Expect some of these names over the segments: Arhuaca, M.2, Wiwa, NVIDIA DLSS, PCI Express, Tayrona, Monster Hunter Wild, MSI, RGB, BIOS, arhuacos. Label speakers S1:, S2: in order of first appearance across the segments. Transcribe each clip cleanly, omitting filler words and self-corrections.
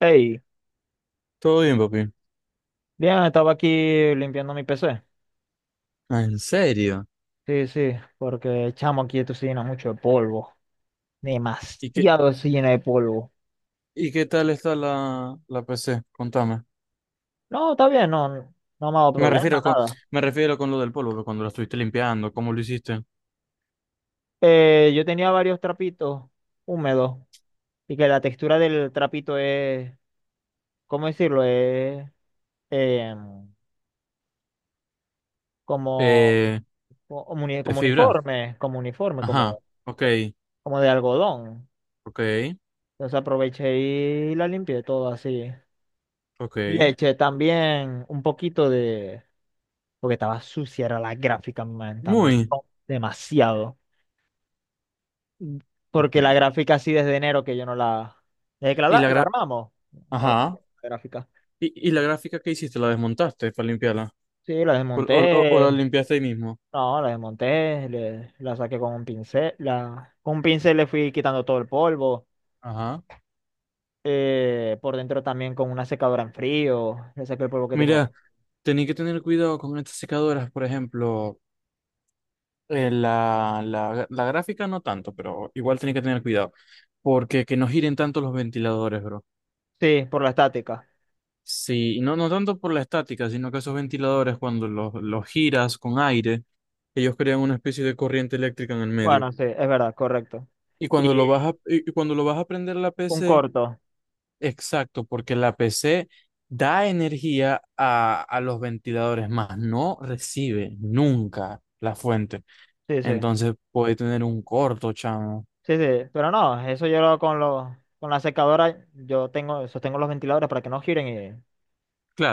S1: Hey,
S2: Todo bien, papi.
S1: bien, estaba aquí limpiando mi PC.
S2: Ah, ¿en serio?
S1: Sí, sí, porque chamo aquí esto se llena mucho de polvo.
S2: ¿Y qué,
S1: Demasiado se llena de polvo.
S2: y qué tal está la PC? Contame.
S1: No, está bien, no, no me ha dado
S2: Me
S1: problema,
S2: refiero con,
S1: nada.
S2: me refiero con lo del polvo, que cuando la estuviste limpiando, ¿cómo lo hiciste?
S1: Yo tenía varios trapitos húmedos y que la textura del trapito es, ¿cómo decirlo? Es em, como,
S2: Eh, ¿De
S1: como
S2: fibra?
S1: uniforme, como uniforme,
S2: Ajá.
S1: como,
S2: Ok,
S1: como de algodón.
S2: ok,
S1: Entonces aproveché y la limpié todo así.
S2: ok.
S1: Leche también, un poquito porque estaba sucia, era la gráfica, man, también.
S2: Muy.
S1: No, demasiado. Mm, Porque la
S2: Ok.
S1: gráfica así desde enero que yo no la... Desde que la,
S2: ¿Y
S1: la
S2: la
S1: la
S2: gra-
S1: armamos, no la metí
S2: Ajá.
S1: en la gráfica.
S2: ¿Y la gráfica que hiciste? ¿La desmontaste para limpiarla?
S1: Sí, la
S2: ¿O
S1: desmonté.
S2: la limpiaste ahí mismo?
S1: No, la desmonté, la saqué con un pincel. La, con un pincel le fui quitando todo el polvo.
S2: Ajá.
S1: Por dentro también con una secadora en frío. Le saqué el polvo que tenía.
S2: Mira, tenés que tener cuidado con estas secadoras, por ejemplo. La gráfica no tanto, pero igual tenés que tener cuidado. Porque que no giren tanto los ventiladores, bro.
S1: Sí, por la estática.
S2: Sí, y no, no tanto por la estática, sino que esos ventiladores, cuando los giras con aire, ellos crean una especie de corriente eléctrica en el medio.
S1: Bueno, sí, es verdad, correcto.
S2: Y cuando
S1: Y
S2: lo vas a, y y cuando lo vas a prender la
S1: un
S2: PC,
S1: corto.
S2: exacto, porque la PC da energía a los ventiladores, más no recibe nunca la fuente.
S1: Sí, sí.
S2: Entonces puede tener un corto, chamo.
S1: Sí, sí, pero no, con los, con la secadora, yo tengo, sostengo los ventiladores para que no giren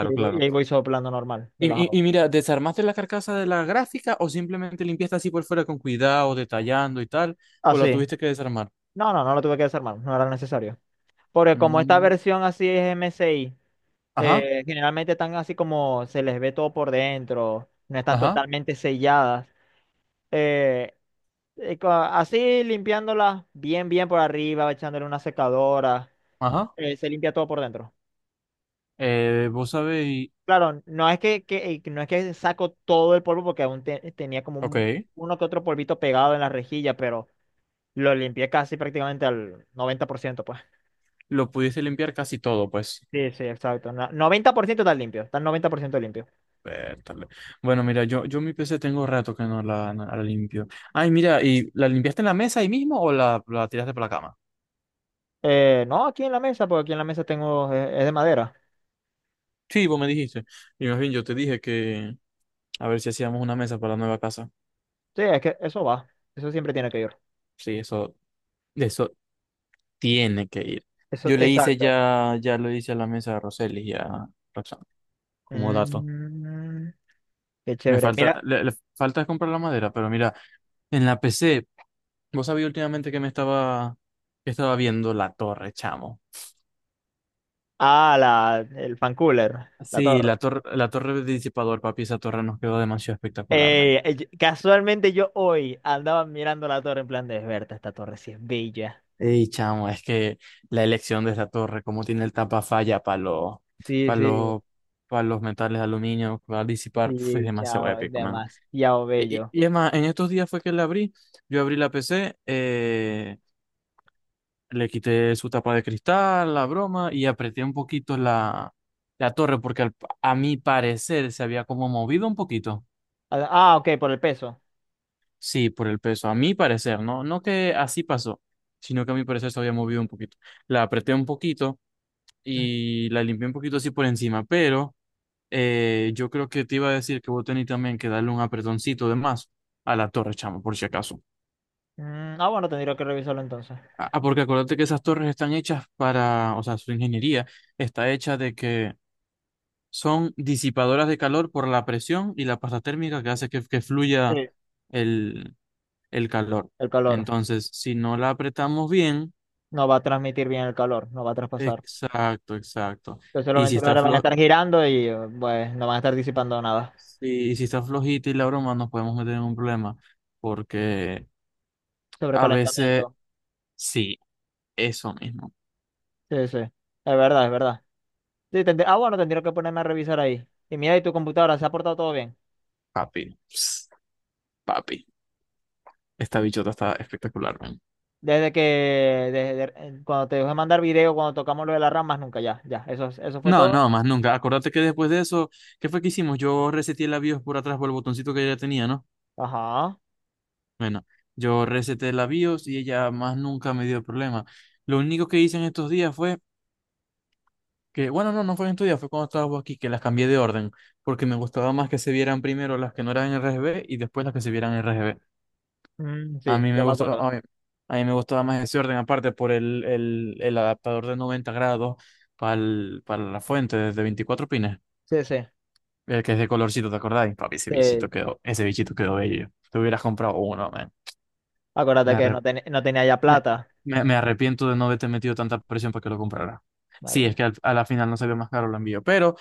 S1: y,
S2: claro.
S1: ahí voy soplando normal,
S2: Y, y-
S1: relajado.
S2: y mira, ¿desarmaste la carcasa de la gráfica o simplemente limpiaste así por fuera con cuidado, detallando y tal? ¿O la
S1: Así.
S2: tuviste que desarmar?
S1: No, no, no lo tuve que desarmar, no era necesario. Porque como esta
S2: Mm,
S1: versión así es MSI,
S2: ajá,
S1: generalmente están así como se les ve todo por dentro, no están
S2: ajá,
S1: totalmente selladas. eh, así limpiándolas bien, bien por arriba, echándole una secadora,
S2: ajá.
S1: se limpia todo por dentro.
S2: Vos sabéis,
S1: Claro, no es que saco todo el polvo porque tenía como
S2: ok,
S1: uno que otro polvito pegado en la rejilla, pero lo limpié casi prácticamente al 90%, pues.
S2: lo pudiste limpiar casi todo, pues.
S1: Sí, sí, exacto. 90% está limpio, está 90% limpio.
S2: Vértale. Bueno, mira, yo mi PC tengo rato que no la limpio. Ay, mira, ¿y la limpiaste en la mesa ahí mismo o la tiraste para la cama?
S1: No, aquí en la mesa, porque aquí en la mesa tengo, es, de madera.
S2: Sí, vos me dijiste. Y más bien yo te dije que a ver si hacíamos una mesa para la nueva casa.
S1: Sí, es que eso va, eso siempre tiene que ir.
S2: Sí, eso. Tiene que ir.
S1: Eso,
S2: Yo le hice
S1: exacto.
S2: ya lo hice a la mesa de Roseli y a Roxanne, como dato.
S1: Mm, qué
S2: Me
S1: chévere.
S2: falta,
S1: Mira,
S2: le falta comprar la madera, pero mira, en la PC, vos sabías últimamente que me estaba, que estaba viendo la torre, chamo.
S1: ah, la, el fan cooler, la
S2: Sí,
S1: torre.
S2: la torre de disipador, papi, esa torre nos quedó demasiado espectacular, man.
S1: Casualmente yo hoy andaba mirando la torre en plan de Berta, esta torre sí es bella.
S2: Ey, chamo, es que la elección de esa torre, como tiene el tapa falla para
S1: Sí,
S2: para
S1: sí,
S2: los, para los metales de aluminio, que va a disipar, pf, es
S1: sí,
S2: demasiado
S1: chao,
S2: épico, man.
S1: demasiado
S2: Y, y-
S1: bello.
S2: y es más, en estos días fue que la abrí. Yo abrí la PC, le quité su tapa de cristal, la broma, y apreté un poquito la torre, a mi parecer se había como movido un poquito.
S1: Ah, ah, ok, por el peso.
S2: Sí, por el peso, a mi parecer, no, no que así pasó, sino que a mi parecer se había movido un poquito. La apreté un poquito
S1: Mm,
S2: y la limpié un poquito así por encima, pero yo creo que te iba a decir que vos tenés también que darle un apretoncito de más a la torre, chamo, por si acaso.
S1: mm, ah, bueno, tendría que revisarlo entonces.
S2: Ah, ah, porque acuérdate que esas torres están hechas para, o sea, su ingeniería está hecha de que son disipadoras de calor por la presión y la pasta térmica que hace que fluya
S1: Sí.
S2: el, el calor.
S1: El calor.
S2: Entonces, si no la apretamos bien,
S1: No va a transmitir bien el calor, no va a traspasar.
S2: exacto, exacto.
S1: Entonces los
S2: Y si está
S1: ventiladores van a
S2: flo-
S1: estar girando y pues no van a estar disipando nada.
S2: si, si está flojita y la broma, nos podemos meter en un problema, porque a veces,
S1: Sobrecalentamiento.
S2: sí, eso mismo,
S1: Sí, sí. Es verdad, es verdad. Sí, ah, bueno, tendría que ponerme a revisar ahí. Y mira, ¿y tu computadora? ¿Se ha portado todo bien?
S2: papi, ps, papi, esta bichota está espectacular, man.
S1: Desde que, desde, cuando te dejé mandar video, cuando tocamos lo de las ramas, nunca, ya, ya, eso fue
S2: No,
S1: todo.
S2: no, más nunca. Acordate que después de eso, ¿qué fue que hicimos? Yo reseté la BIOS por atrás por el botoncito que ella tenía, ¿no?
S1: Ajá,
S2: Bueno, yo reseté la BIOS y ella más nunca me dio problema. Lo único que hice en estos días fue que, bueno, no, no fue en estos días, fue cuando estaba vos aquí, que las cambié de orden, porque me gustaba más que se vieran primero las que no eran RGB y después las que se vieran RGB.
S1: mm,
S2: A
S1: sí,
S2: mí me
S1: yo me
S2: gustó,
S1: acuerdo.
S2: a mí me gustaba más ese orden, aparte por el adaptador de 90 grados para la fuente de 24 pines.
S1: Sí, sí,
S2: El que es de colorcito, ¿te acordáis? Papi,
S1: sí.
S2: ese bichito quedó bello. Te hubieras comprado uno, man. Me,
S1: Acuérdate que
S2: arre-
S1: no, no tenía ya
S2: me,
S1: plata.
S2: me arrepiento de no haberte metido tanta presión para que lo comprara. Sí, es
S1: Vale.
S2: que a la final no salió más caro el envío. Pero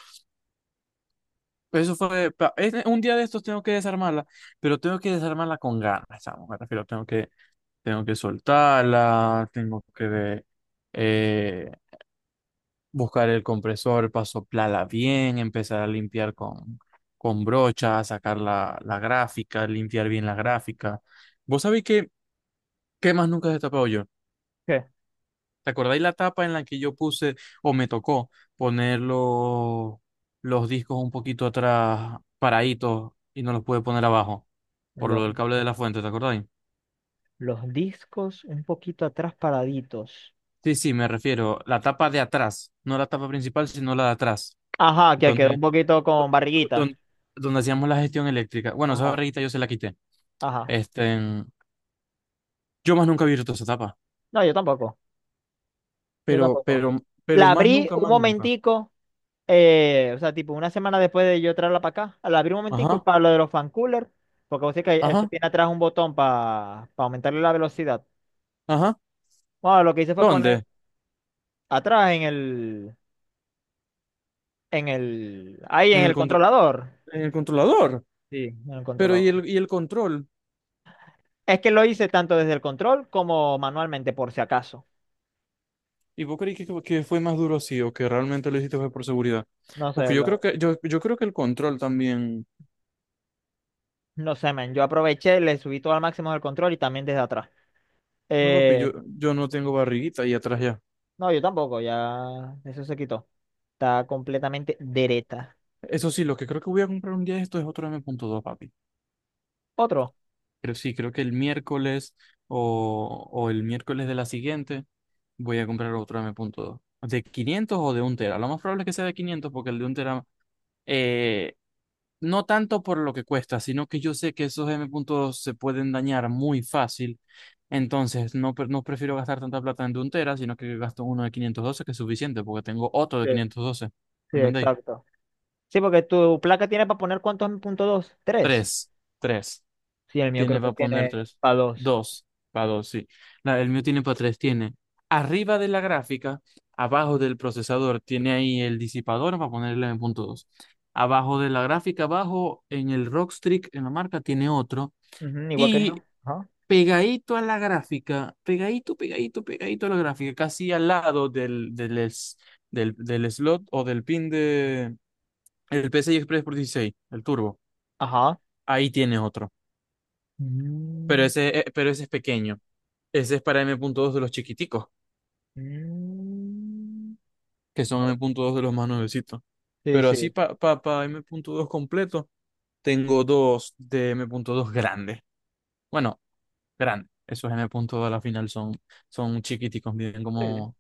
S2: eso fue. Un día de estos tengo que desarmarla, pero tengo que desarmarla con ganas, chamo. Me refiero, tengo que soltarla, tengo que. eh, buscar el compresor, pasoplarla bien, empezar a limpiar con brocha, sacar la gráfica, limpiar bien la gráfica. ¿Vos sabéis qué más nunca he destapado yo?
S1: ¿Qué?
S2: ¿Te acordáis la tapa en la que yo puse o me tocó poner los discos un poquito atrás, paraditos, y no los pude poner abajo por lo
S1: Los,
S2: del cable de la fuente, ¿te acordáis?
S1: los discos un poquito atrás paraditos.
S2: Sí, sí, me refiero, la tapa de atrás, no la tapa principal, sino la de atrás.
S1: Ajá, que quedó
S2: Donde,
S1: un poquito
S2: do-
S1: con
S2: do-
S1: barriguita.
S2: don- donde hacíamos la gestión eléctrica. Bueno, esa
S1: Ajá,
S2: barriguita yo se la quité.
S1: ajá.
S2: Este, yo más nunca he visto esa etapa.
S1: No, yo tampoco, yo
S2: Pero,
S1: tampoco.
S2: pero, pero
S1: La
S2: más
S1: abrí
S2: nunca,
S1: un
S2: más nunca.
S1: momentico. O sea, tipo, una semana después de yo traerla para acá, la abrí un momentico
S2: Ajá,
S1: para lo de los fan coolers, porque vos sabés que eso
S2: ajá,
S1: tiene atrás un botón para aumentarle la velocidad.
S2: ajá.
S1: Bueno, lo que hice fue poner
S2: ¿Dónde?
S1: atrás ahí
S2: En
S1: en
S2: el
S1: el
S2: contro-
S1: controlador.
S2: en el controlador.
S1: Sí, en el
S2: Pero ¿y
S1: controlador.
S2: y el control?
S1: Es que lo hice tanto desde el control como manualmente, por si acaso.
S2: ¿Y vos creí que fue más duro así o que realmente lo hiciste fue por seguridad?
S1: No sé,
S2: Porque yo
S1: lo-
S2: creo que, yo creo que el control también.
S1: no sé, men. Yo aproveché, le subí todo al máximo del control y también desde atrás.
S2: No, papi,
S1: Eh,
S2: yo no tengo barriguita y atrás ya.
S1: no, yo tampoco, ya eso se quitó. Está completamente dereta.
S2: Eso sí, lo que creo que voy a comprar un día de esto es otro M.2, papi.
S1: Otro.
S2: Pero sí, creo que el miércoles o el miércoles de la siguiente voy a comprar otro M punto dos. ¿De 500 o de 1 tera? Lo más probable es que sea de 500 porque el de 1 tera, eh, no tanto por lo que cuesta, sino que yo sé que esos M punto dos se pueden dañar muy fácil. Entonces, no prefiero gastar tanta plata en de 1 tera, sino que gasto uno de 512 que es suficiente porque tengo otro de 512.
S1: Sí,
S2: ¿Entendéis?
S1: exacto. Sí, porque tu placa tiene para poner cuántos en punto dos, tres.
S2: Tres, tres.
S1: Sí, el mío
S2: Tiene
S1: creo que
S2: para poner
S1: tiene
S2: tres.
S1: para dos.
S2: Dos. Para dos, sí. La- el mío tiene para tres. Tiene arriba de la gráfica, abajo del procesador, tiene ahí el disipador para ponerle en punto dos. Abajo de la gráfica, abajo en el Rockstrix, en la marca, tiene otro.
S1: Ujú, igual que yo.
S2: Y
S1: Ajá.
S2: pegadito a la gráfica, pegadito, pegadito, pegadito a la gráfica, casi al lado del slot o del pin de el PCI Express por 16 el turbo.
S1: Ajá.
S2: Ahí tiene otro.
S1: Mm,
S2: Pero ese es pequeño. Ese es para m punto dos de los chiquiticos,
S1: mm.
S2: que son m punto dos de los más nuevecitos.
S1: Sí,
S2: Pero así
S1: sí.
S2: para pa M punto dos completo, tengo dos de m punto dos grandes. Bueno, grandes. Esos m punto dos a la final son, son chiquiticos, miden
S1: Sí.
S2: como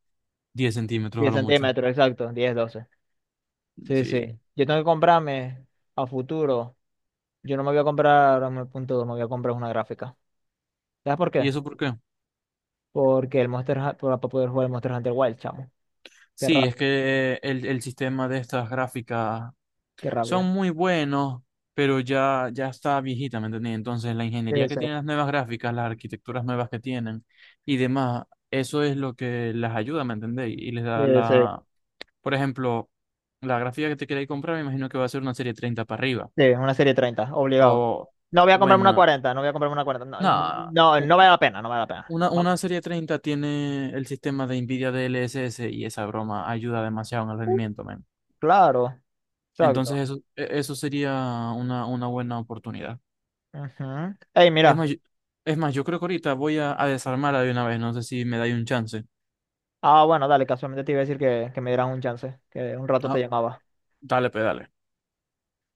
S2: 10 centímetros a
S1: 10
S2: lo mucho.
S1: centímetros, exacto. Diez doce. Sí,
S2: Sí.
S1: sí. Yo tengo que comprarme a futuro. Yo no me voy a comprar un punto dos, me voy a comprar una gráfica. ¿Sabes por
S2: ¿Y
S1: qué?
S2: eso por qué?
S1: Porque el Monster Hunter, para poder jugar el Monster Hunter Wild, chamo. Qué
S2: Sí, es
S1: rabia,
S2: que el sistema de estas gráficas
S1: qué
S2: son
S1: rabia.
S2: muy buenos, pero ya, ya está viejita, ¿me entendés? Entonces, la
S1: Sí,
S2: ingeniería que
S1: sí,
S2: tienen las nuevas gráficas, las arquitecturas nuevas que tienen y demás, eso es lo que las ayuda, ¿me entendés? Y les
S1: sí,
S2: da
S1: sí.
S2: la, por ejemplo, la gráfica que te queréis comprar, me imagino que va a ser una serie 30 para arriba.
S1: Sí, una serie 30, obligado.
S2: O,
S1: No voy a comprarme una
S2: bueno,
S1: 40, no voy a comprarme una 40. No,
S2: nada,
S1: no,
S2: u-
S1: no vale la pena, no vale la pena. No-
S2: una serie 30 tiene el sistema de NVIDIA DLSS y esa broma ayuda demasiado en el
S1: uh,
S2: rendimiento.
S1: claro, exacto.
S2: Eso sería una buena oportunidad.
S1: Ujú. Ey,
S2: Es más,
S1: mira.
S2: es más, yo creo que ahorita voy a desarmarla de una vez, no sé si me dais un chance.
S1: Ah, bueno, dale, casualmente te iba a decir que me dieras un chance, que un rato te
S2: Ah,
S1: llamaba.
S2: dale, pedale.